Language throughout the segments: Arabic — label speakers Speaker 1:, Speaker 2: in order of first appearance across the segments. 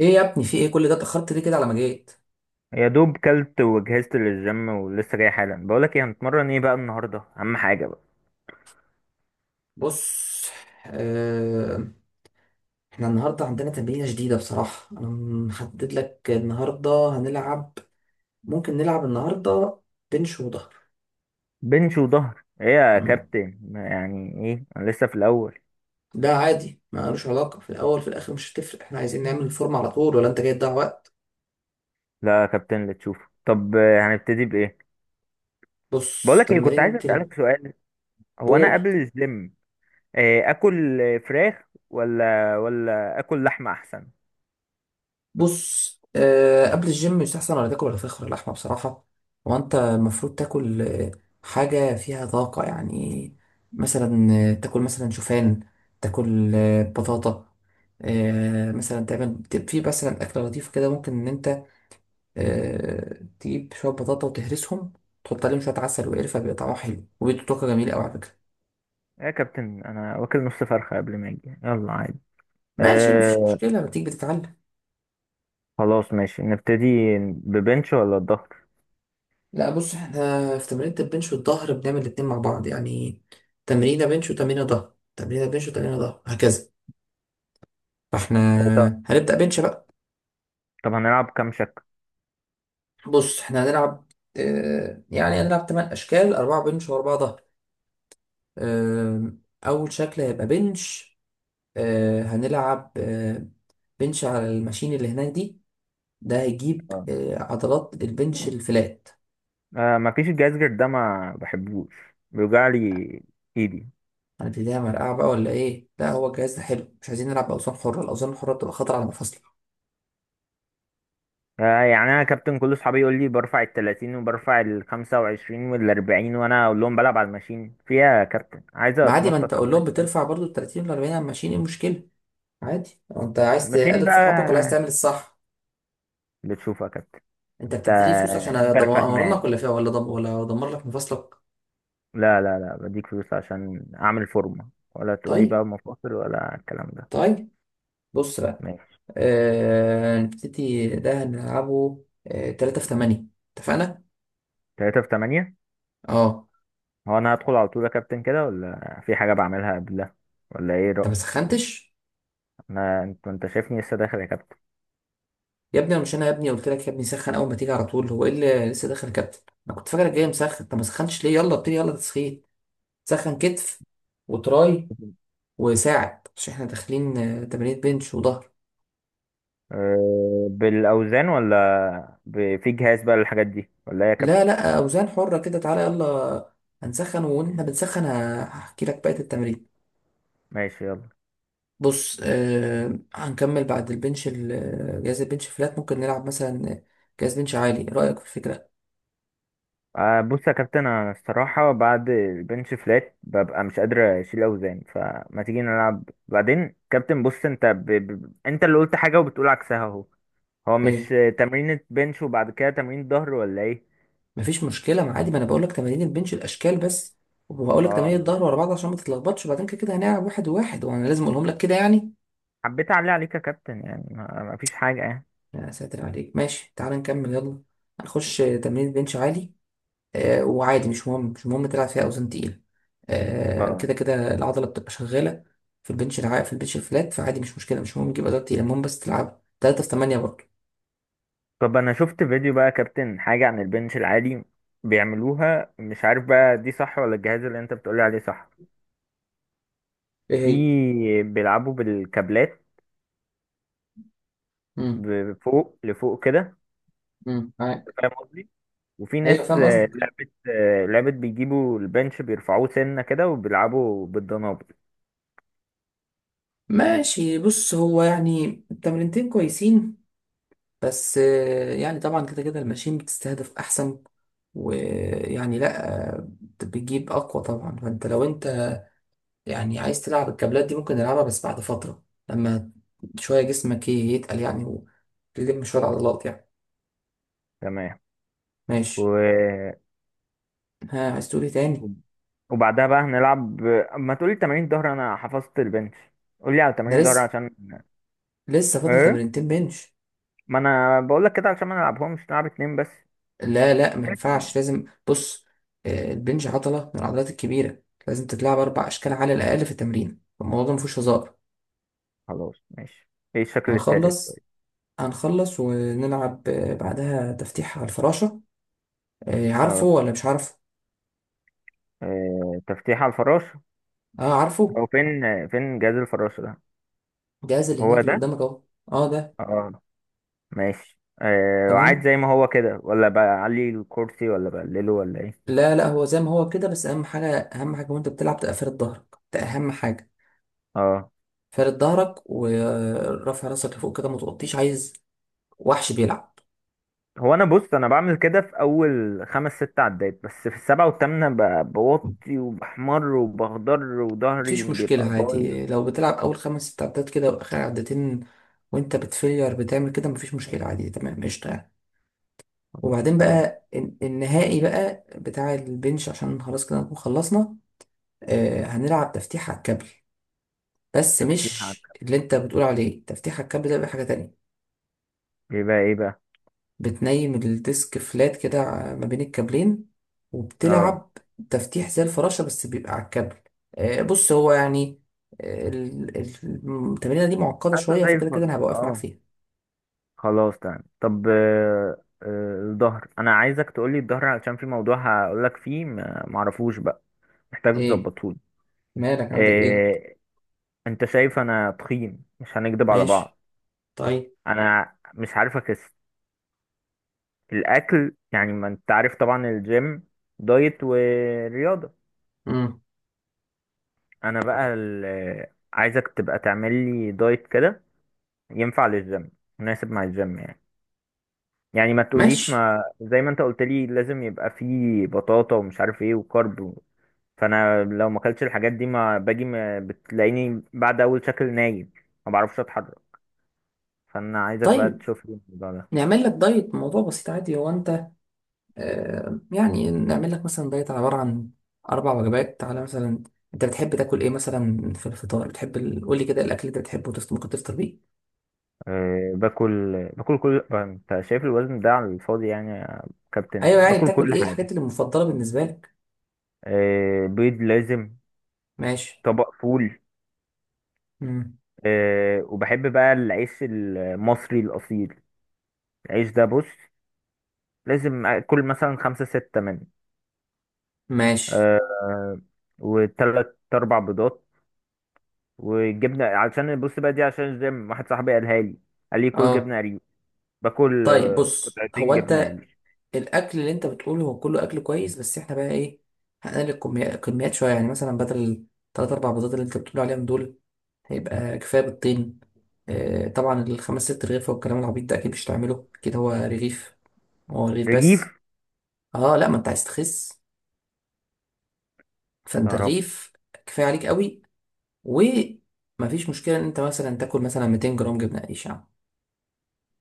Speaker 1: ايه يا ابني؟ في ايه؟ كل ده اتاخرت ليه كده على ما جيت؟
Speaker 2: يا دوب كلت وجهزت للجيم ولسه جاي حالا. بقولك ايه، هنتمرن ايه بقى النهارده؟ اهم حاجه بقى.
Speaker 1: بص. آه. احنا النهارده عندنا تمرينه جديده. بصراحه انا محدد لك النهارده هنلعب. ممكن نلعب النهارده بنش وظهر.
Speaker 2: بنش وظهر ايه يا
Speaker 1: مم.
Speaker 2: كابتن؟ يعني ايه، انا لسه في الاول.
Speaker 1: ده عادي، ما لوش علاقه في الاول في الاخر مش هتفرق. احنا عايزين نعمل الفورمه على طول، ولا انت جاي تضيع وقت؟
Speaker 2: لا يا كابتن، اللي تشوفه. طب هنبتدي بايه؟
Speaker 1: بص
Speaker 2: بقولك ايه، كنت عايز
Speaker 1: تمرينه.
Speaker 2: اسالك سؤال. هو انا
Speaker 1: البول.
Speaker 2: قبل الجيم اكل فراخ ولا اكل لحمه احسن؟
Speaker 1: بص، قبل الجيم يستحسن ولا تاكل الفراخ ولا اللحمه بصراحه. وانت المفروض تاكل حاجه فيها طاقه يعني. مثلا تاكل مثلا شوفان، تاكل بطاطا. مثلا تعمل في مثلا اكله لطيفه كده، ممكن ان انت تجيب شويه بطاطا وتهرسهم، تحط عليهم شويه عسل وقرفه، بيبقى طعمها حلو وبيدوا طاقه جميله قوي على فكره.
Speaker 2: يا كابتن انا واكل نص فرخه قبل ما اجي، يلا عادي.
Speaker 1: ماشي مفيش
Speaker 2: آه،
Speaker 1: مشكله، ما تيجي بتتعلم.
Speaker 2: خلاص ماشي نبتدي. ببنش ولا الظهر؟
Speaker 1: لا بص، احنا في تمرينة البنش والظهر بنعمل الاتنين مع بعض يعني. تمرينة بنش وتمرينة ظهر، تمرينة بنش وتمرينة ظهر، هكذا. فاحنا
Speaker 2: طب
Speaker 1: هنبدأ بنش بقى.
Speaker 2: طب هنلعب كام شكل؟
Speaker 1: بص احنا هنلعب، اه يعني هنلعب تمن أشكال، أربعة بنش وأربعة ظهر. اه. أول شكل هيبقى بنش. اه هنلعب اه بنش على الماشين اللي هناك دي. ده هيجيب
Speaker 2: آه.
Speaker 1: اه عضلات البنش الفلات.
Speaker 2: آه، ما فيش الجهاز غير ده، ما بحبوش، بيوجع لي ايدي.
Speaker 1: هنبتديها مرقعة بقى ولا ايه؟ لا، هو الجهاز ده حلو، مش عايزين نلعب بأوزان حرة. الأوزان الحرة بتبقى خطر على المفاصل.
Speaker 2: آه، يعني انا كابتن، كل اصحابي يقول لي برفع ال 30 وبرفع ال 25 وال 40، وانا اقول لهم بلعب على الماشين. فيها يا كابتن؟ عايز
Speaker 1: ما عادي، ما انت
Speaker 2: اتنطط على
Speaker 1: قول
Speaker 2: الناس
Speaker 1: لهم
Speaker 2: شوية.
Speaker 1: بترفع برضو ال 30 وال 40 على ماشيين، ايه المشكله؟ عادي. هو انت عايز
Speaker 2: الماشين
Speaker 1: تقلد
Speaker 2: بقى
Speaker 1: صحابك ولا عايز تعمل الصح؟
Speaker 2: بتشوفها يا كابتن.
Speaker 1: انت
Speaker 2: انت
Speaker 1: بتديني فلوس عشان
Speaker 2: انت الفاهمة
Speaker 1: ادمرنك
Speaker 2: يعني.
Speaker 1: ولا فيها ولا دم، ولا ادمر لك مفاصلك؟
Speaker 2: لا، لا، لا، بديك فلوس عشان اعمل فورمة، ولا تقولي
Speaker 1: طيب.
Speaker 2: بقى مفاصل ولا الكلام ده.
Speaker 1: طيب. بص بقى،
Speaker 2: ماشي.
Speaker 1: نبتدي. ده هنلعبه 3 في 8، اتفقنا.
Speaker 2: 3 في 8.
Speaker 1: اه.
Speaker 2: هو انا هدخل على طول يا كابتن كده، ولا في حاجة بعملها قبلها ولا ايه؟
Speaker 1: انت ما سخنتش؟
Speaker 2: ما انت شايفني لسه داخل يا كابتن.
Speaker 1: يا ابني مش انا يا ابني قلت لك يا ابني سخن اول ما تيجي على طول؟ هو ايه اللي لسه داخل يا كابتن؟ انا كنت فاكرك جاي مسخن. انت ما سخنتش ليه؟ يلا ابتدي، يلا تسخين. سخن كتف وتراي وساعد، مش احنا داخلين تمارين بنش وظهر؟
Speaker 2: أه، بالاوزان ولا في جهاز بقى للحاجات دي ولا ايه يا
Speaker 1: لا
Speaker 2: كابتن؟
Speaker 1: لا، اوزان حرة كده، تعالى يلا. هنسخن واحنا بنسخن هحكي لك بقية التمارين.
Speaker 2: ماشي يلا.
Speaker 1: بص هنكمل بعد البنش جهاز البنش فلات، ممكن نلعب مثلا جهاز بنش عالي، إيه رأيك في الفكرة؟
Speaker 2: أه، بص يا كابتن، انا الصراحه بعد البنش فلات ببقى مش قادر اشيل اوزان، فما تيجي نلعب بعدين كابتن. بص انت اللي قلت حاجه وبتقول عكسها اهو. هو مش
Speaker 1: ايه؟
Speaker 2: تمرين بنش وبعد كده تمرين ظهر ولا ايه؟
Speaker 1: مفيش مشكلة، ما عادي، ما انا بقول لك تمارين البنش الاشكال بس، وهقول لك
Speaker 2: اه،
Speaker 1: تمارين الظهر ورا بعض عشان ما تتلخبطش، وبعدين كده كده هنلعب واحد وواحد، وانا لازم اقولهم لك كده يعني.
Speaker 2: حبيت اعلي عليك يا كابتن، يعني ما فيش حاجه يعني.
Speaker 1: يا ساتر عليك. ماشي تعالى نكمل يلا. هنخش تمرين بنش عالي. وعادي مش مهم تلعب فيها اوزان تقيله،
Speaker 2: اه.
Speaker 1: كده كده العضله بتبقى شغاله. في البنش في البنش الفلات فعادي مش مشكله، مش مهم تجيب اوزان تقيله، المهم بس تلعب 3 في 8 برضه.
Speaker 2: طب انا شفت فيديو بقى يا كابتن حاجة عن البنش العالي. بيعملوها، مش عارف بقى دي صح ولا الجهاز اللي انت بتقولي عليه صح.
Speaker 1: ايه هي؟
Speaker 2: في، بيلعبوا بالكابلات،
Speaker 1: امم
Speaker 2: فوق لفوق كده. انت
Speaker 1: معاك.
Speaker 2: فاهم قصدي؟ وفي
Speaker 1: ايوه
Speaker 2: ناس
Speaker 1: فاهم قصدك.
Speaker 2: لعبت بيجيبوا البنش بيرفعوه سنة كده وبيلعبوا بالدنابل.
Speaker 1: ماشي بص، هو يعني التمرينتين كويسين، بس يعني طبعا كده كده الماشين بتستهدف احسن، ويعني لا آه، بتجيب اقوى طبعا. فانت لو انت يعني عايز تلعب الكابلات دي ممكن نلعبها، بس بعد فترة، لما شوية جسمك يتقل يعني، وتلم شوية عضلات يعني.
Speaker 2: تمام.
Speaker 1: ماشي.
Speaker 2: و...
Speaker 1: ها عايز تقول ايه تاني؟
Speaker 2: وبعدها بقى هنلعب، ما تقولي تمارين ظهر، انا حفظت البنش. قولي على
Speaker 1: انا
Speaker 2: تمارين ظهر
Speaker 1: لسه،
Speaker 2: عشان.
Speaker 1: لسه فاضل
Speaker 2: ايه؟
Speaker 1: تمرينتين بنش.
Speaker 2: ما انا بقول لك كده عشان ما نلعبهمش، نلعب اتنين
Speaker 1: لا لا ما
Speaker 2: بس.
Speaker 1: ينفعش، لازم. بص البنش عضلة من العضلات الكبيرة، لازم تتلعب أربع أشكال على الأقل في التمرين، الموضوع ده مفيهوش هزار.
Speaker 2: خلاص ماشي. ايه الشكل التالت
Speaker 1: هنخلص،
Speaker 2: طيب؟
Speaker 1: هنخلص ونلعب بعدها تفتيح على الفراشة. عارفه
Speaker 2: اه.
Speaker 1: ولا مش عارفه؟
Speaker 2: تفتيح على الفراش.
Speaker 1: اه عارفه.
Speaker 2: هو فين جهاز الفراش ده؟
Speaker 1: الجهاز اللي
Speaker 2: هو
Speaker 1: هناك اللي
Speaker 2: ده؟
Speaker 1: قدامك اهو. اه ده.
Speaker 2: اه. ماشي عاد
Speaker 1: تمام.
Speaker 2: زي ما هو كده ولا بعلي الكرسي ولا بقلله ولا ايه؟
Speaker 1: لا لا، هو زي ما هو كده، بس اهم حاجه، اهم حاجه وانت بتلعب تبقى فارد ظهرك، ده اهم حاجه.
Speaker 2: اه.
Speaker 1: فارد ظهرك ورافع راسك لفوق كده، ما تغطيش عايز وحش بيلعب.
Speaker 2: هو انا، بص، انا بعمل كده في اول خمس ست عدات، بس في السبعة والثامنة بوطي وبحمر وبخضر وظهري
Speaker 1: مفيش مشكله
Speaker 2: بيبقى
Speaker 1: عادي،
Speaker 2: بايظ.
Speaker 1: لو بتلعب اول خمس ست عدات كده واخر عدتين وانت بتفيلير بتعمل كده، مفيش مشكله عادي تمام قشطه يعني.
Speaker 2: خلاص،
Speaker 1: وبعدين
Speaker 2: تمام.
Speaker 1: بقى النهائي بقى بتاع البنش عشان خلاص كده نكون خلصنا. هنلعب تفتيح على الكابل، بس
Speaker 2: تفتيح على-
Speaker 1: مش اللي انت بتقول عليه. تفتيح على الكابل ده بقى حاجه تانية،
Speaker 2: بيبقى ايه بقى؟
Speaker 1: بتنيم الديسك فلات كده ما بين الكابلين،
Speaker 2: اه،
Speaker 1: وبتلعب تفتيح زي الفراشة بس بيبقى على الكابل. بص هو يعني، آه، ال- ال- التمرينة دي معقدة
Speaker 2: حاسه
Speaker 1: شوية،
Speaker 2: زي
Speaker 1: فكده
Speaker 2: الفل.
Speaker 1: كده أنا هبقى واقف معاك
Speaker 2: اه.
Speaker 1: فيها.
Speaker 2: خلاص تمام. طب الظهر، انا عايزك تقولي الظهر علشان في موضوع هقولك فيه، معرفوش بقى، محتاج
Speaker 1: إيه؟
Speaker 2: تظبطهولي.
Speaker 1: مالك، عندك إيه؟
Speaker 2: إيه؟ انت شايف انا تخين، مش هنكدب على
Speaker 1: ماشي.
Speaker 2: بعض.
Speaker 1: طيب.
Speaker 2: انا مش عارف اخس، الاكل يعني ما انت عارف طبعا الجيم دايت ورياضة.
Speaker 1: مم.
Speaker 2: انا بقى عايزك تبقى تعمل لي دايت كده ينفع للجيم، مناسب مع الجيم يعني. يعني ما تقوليش،
Speaker 1: ماشي.
Speaker 2: ما زي ما انت قلت لي لازم يبقى فيه بطاطا ومش عارف ايه وكارب. فانا لو ما اكلتش الحاجات دي، ما باجي، ما بتلاقيني بعد اول شكل نايم، ما بعرفش اتحرك. فانا عايزك بقى
Speaker 1: طيب
Speaker 2: تشوف لي الموضوع ده.
Speaker 1: نعمل لك دايت، موضوع بسيط عادي. هو أنت يعني نعمل لك مثلا دايت عبارة عن أربع وجبات على مثلا. أنت بتحب تاكل إيه مثلا في الفطار؟ بتحب قول لي كده الأكل اللي أنت بتحبه ممكن تفطر بيه.
Speaker 2: أه، باكل كل انت شايف الوزن ده على الفاضي يعني يا كابتن،
Speaker 1: ايوه يعني
Speaker 2: باكل
Speaker 1: بتاكل
Speaker 2: كل
Speaker 1: ايه الحاجات
Speaker 2: حاجه.
Speaker 1: اللي مفضله بالنسبه لك؟
Speaker 2: أه، بيض لازم.
Speaker 1: ماشي.
Speaker 2: طبق فول.
Speaker 1: مم.
Speaker 2: أه، وبحب بقى العيش المصري الاصيل. العيش ده بص، لازم اكل مثلا خمسة ستة منه.
Speaker 1: ماشي.
Speaker 2: أه، وتلات اربع بيضات وجبنه، عشان بص بقى، دي عشان الجيم، واحد صاحبي قالها لي، قال لي كل
Speaker 1: اه.
Speaker 2: جبنه قريش. باكل
Speaker 1: طيب بص،
Speaker 2: قطعتين
Speaker 1: هو
Speaker 2: جبنه
Speaker 1: انت
Speaker 2: قريش.
Speaker 1: الاكل اللي انت بتقوله هو كله اكل كويس، بس احنا بقى ايه؟ هنقلل الكميات شويه يعني. مثلا بدل الثلاث اربع بيضات اللي انت بتقول عليهم دول هيبقى كفايه بيضتين. آه طبعا الخمس ست رغيف والكلام العبيط ده اكيد مش هتعمله كده، هو رغيف، هو رغيف
Speaker 2: رغيف.
Speaker 1: بس. اه لا، ما انت عايز تخس، فانت
Speaker 2: يا رب.
Speaker 1: رغيف كفايه عليك قوي. ومفيش مشكله ان انت مثلا تاكل مثلا 200 جرام جبنه قريش يعني.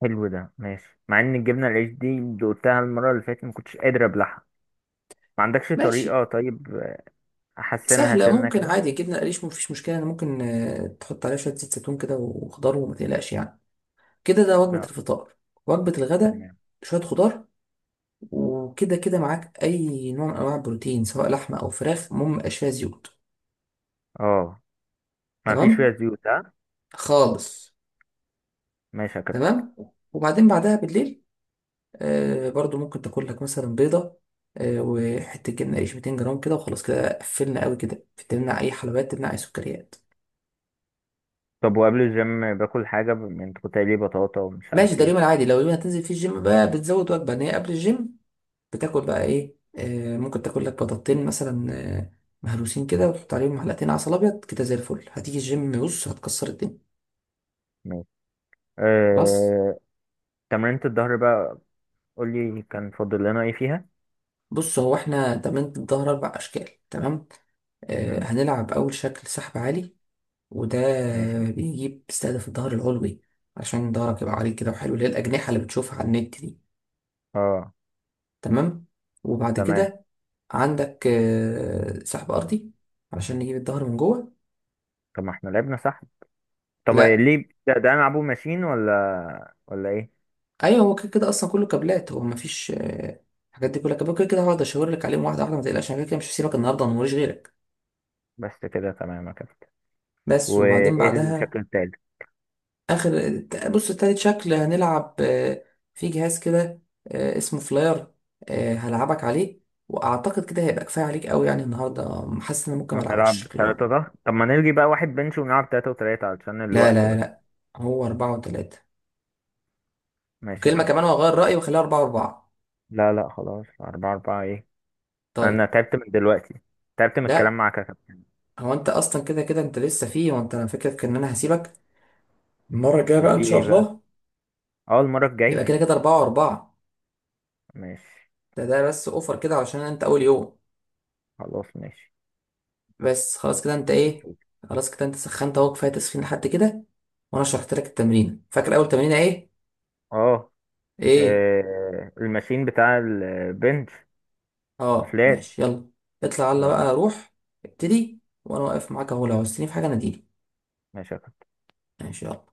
Speaker 2: حلو ده ماشي، مع ان الجبنه القريش دي دقتها المره اللي فاتت ما كنتش قادر ابلعها. ما عندكش
Speaker 1: ماشي
Speaker 2: طريقه طيب احسنها
Speaker 1: سهلة،
Speaker 2: سنه
Speaker 1: ممكن
Speaker 2: كده؟
Speaker 1: عادي جبنة قريش مفيش مشكلة، أنا ممكن تحط عليها شوية زيت زيتون كده وخضار، وما تقلقش يعني. كده ده وجبة
Speaker 2: اه،
Speaker 1: الفطار. وجبة الغداء
Speaker 2: تمام.
Speaker 1: شوية خضار، وكده كده معاك أي نوع من أنواع البروتين، سواء لحمة أو فراخ، المهم ميبقاش فيها زيوت.
Speaker 2: اه، ما فيش
Speaker 1: تمام.
Speaker 2: فيها زيوت؟ ها.
Speaker 1: خالص.
Speaker 2: ماشي يا كابتن.
Speaker 1: تمام. وبعدين بعدها بالليل برضو ممكن تاكل لك مثلا بيضة وحتة جبنة قريش 200 جرام كده، وخلاص كده قفلنا قوي كده. تمنع أي حلويات، تمنع أي سكريات.
Speaker 2: طب وقبل الجيم باكل حاجه من قلت لي بطاطا ومش
Speaker 1: ماشي،
Speaker 2: عارف
Speaker 1: ده اليوم
Speaker 2: ايه؟
Speaker 1: العادي. لو اليوم هتنزل فيه الجيم بقى بتزود وجبة ان هي قبل الجيم، بتاكل بقى ايه؟ آه ممكن تاكل لك بطاطتين مثلا، آه، مهروسين كده وتحط عليهم معلقتين عسل ابيض كده، زي الفل. هتيجي الجيم بص هتكسر الدنيا.
Speaker 2: ماشي.
Speaker 1: خلاص.
Speaker 2: أه... تمرينة الظهر بقى، قول لي كان فاضل لنا ايه فيها.
Speaker 1: بص هو احنا تمرينة الظهر اربع اشكال، تمام.
Speaker 2: مم.
Speaker 1: هنلعب اول شكل سحب عالي. وده
Speaker 2: ماشي.
Speaker 1: بيجيب، بيستهدف الظهر العلوي، عشان ظهرك يبقى عريض كده وحلو، اللي هي الاجنحة اللي بتشوفها على النت دي.
Speaker 2: اه،
Speaker 1: تمام. وبعد
Speaker 2: تمام.
Speaker 1: كده عندك سحب ارضي، علشان نجيب الظهر من جوه.
Speaker 2: طب ما احنا لعبنا صح؟ طب إيه
Speaker 1: لا.
Speaker 2: ليه ده, هنلعبه ماشين ولا ايه؟
Speaker 1: ايوه هو كده كده اصلا كله كابلات، هو مفيش الحاجات دي كلها كابلات، كده كده هقعد اشاور لك عليهم واحده واحده. ما تقلقش انا كده كده مش هسيبك النهارده، انا موريش غيرك.
Speaker 2: بس كده تمام يا كابتن.
Speaker 1: بس. وبعدين
Speaker 2: وايه
Speaker 1: بعدها
Speaker 2: الشكل التالت؟
Speaker 1: اخر، بص تالت شكل هنلعب، في جهاز كده اسمه فلاير، هلعبك عليه. واعتقد كده هيبقى كفايه عليك قوي يعني النهارده، حاسس ان أنا ممكن ما العبكش
Speaker 2: هنلعب
Speaker 1: الشكل الرابع.
Speaker 2: تلاتة ده؟ طب ما نلغي بقى واحد بنش ونلعب تلاتة وتلاتة علشان
Speaker 1: لا
Speaker 2: الوقت
Speaker 1: لا
Speaker 2: بس.
Speaker 1: لا، هو اربعه وتلاته.
Speaker 2: ماشي يا
Speaker 1: وكلمة
Speaker 2: كابتن.
Speaker 1: كمان وأغير رأيي وأخليها أربعة وأربعة.
Speaker 2: لا، لا، خلاص أربعة أربعة ايه.
Speaker 1: طيب.
Speaker 2: انا تعبت من دلوقتي، تعبت من الكلام
Speaker 1: لا،
Speaker 2: معاك يا كابتن.
Speaker 1: هو أنت أصلا كده كده أنت لسه فيه، وأنت أنا فكرتك إن أنا هسيبك. المرة الجاية بقى
Speaker 2: في
Speaker 1: إن
Speaker 2: ايه
Speaker 1: شاء
Speaker 2: بقى؟
Speaker 1: الله
Speaker 2: اه، المرة
Speaker 1: يبقى كده
Speaker 2: الجاية.
Speaker 1: كده أربعة وأربعة.
Speaker 2: ماشي.
Speaker 1: ده ده بس أوفر كده عشان أنت أول يوم.
Speaker 2: خلاص ماشي،
Speaker 1: بس خلاص كده، أنت إيه؟
Speaker 2: نشوف.
Speaker 1: خلاص كده أنت سخنت أهو، كفاية تسخين لحد كده. وأنا شرحت لك التمرين. فاكر أول تمرينة إيه؟
Speaker 2: اه.
Speaker 1: إيه؟
Speaker 2: الماشين بتاع البنش
Speaker 1: أه
Speaker 2: الفلات.
Speaker 1: ماشي يلا. اطلع يلا
Speaker 2: يلا.
Speaker 1: بقى، روح ابتدي، وأنا واقف معاك أهو لو عوزتني في حاجة ناديلي.
Speaker 2: ماشي يا كابتن.
Speaker 1: ماشي يلا.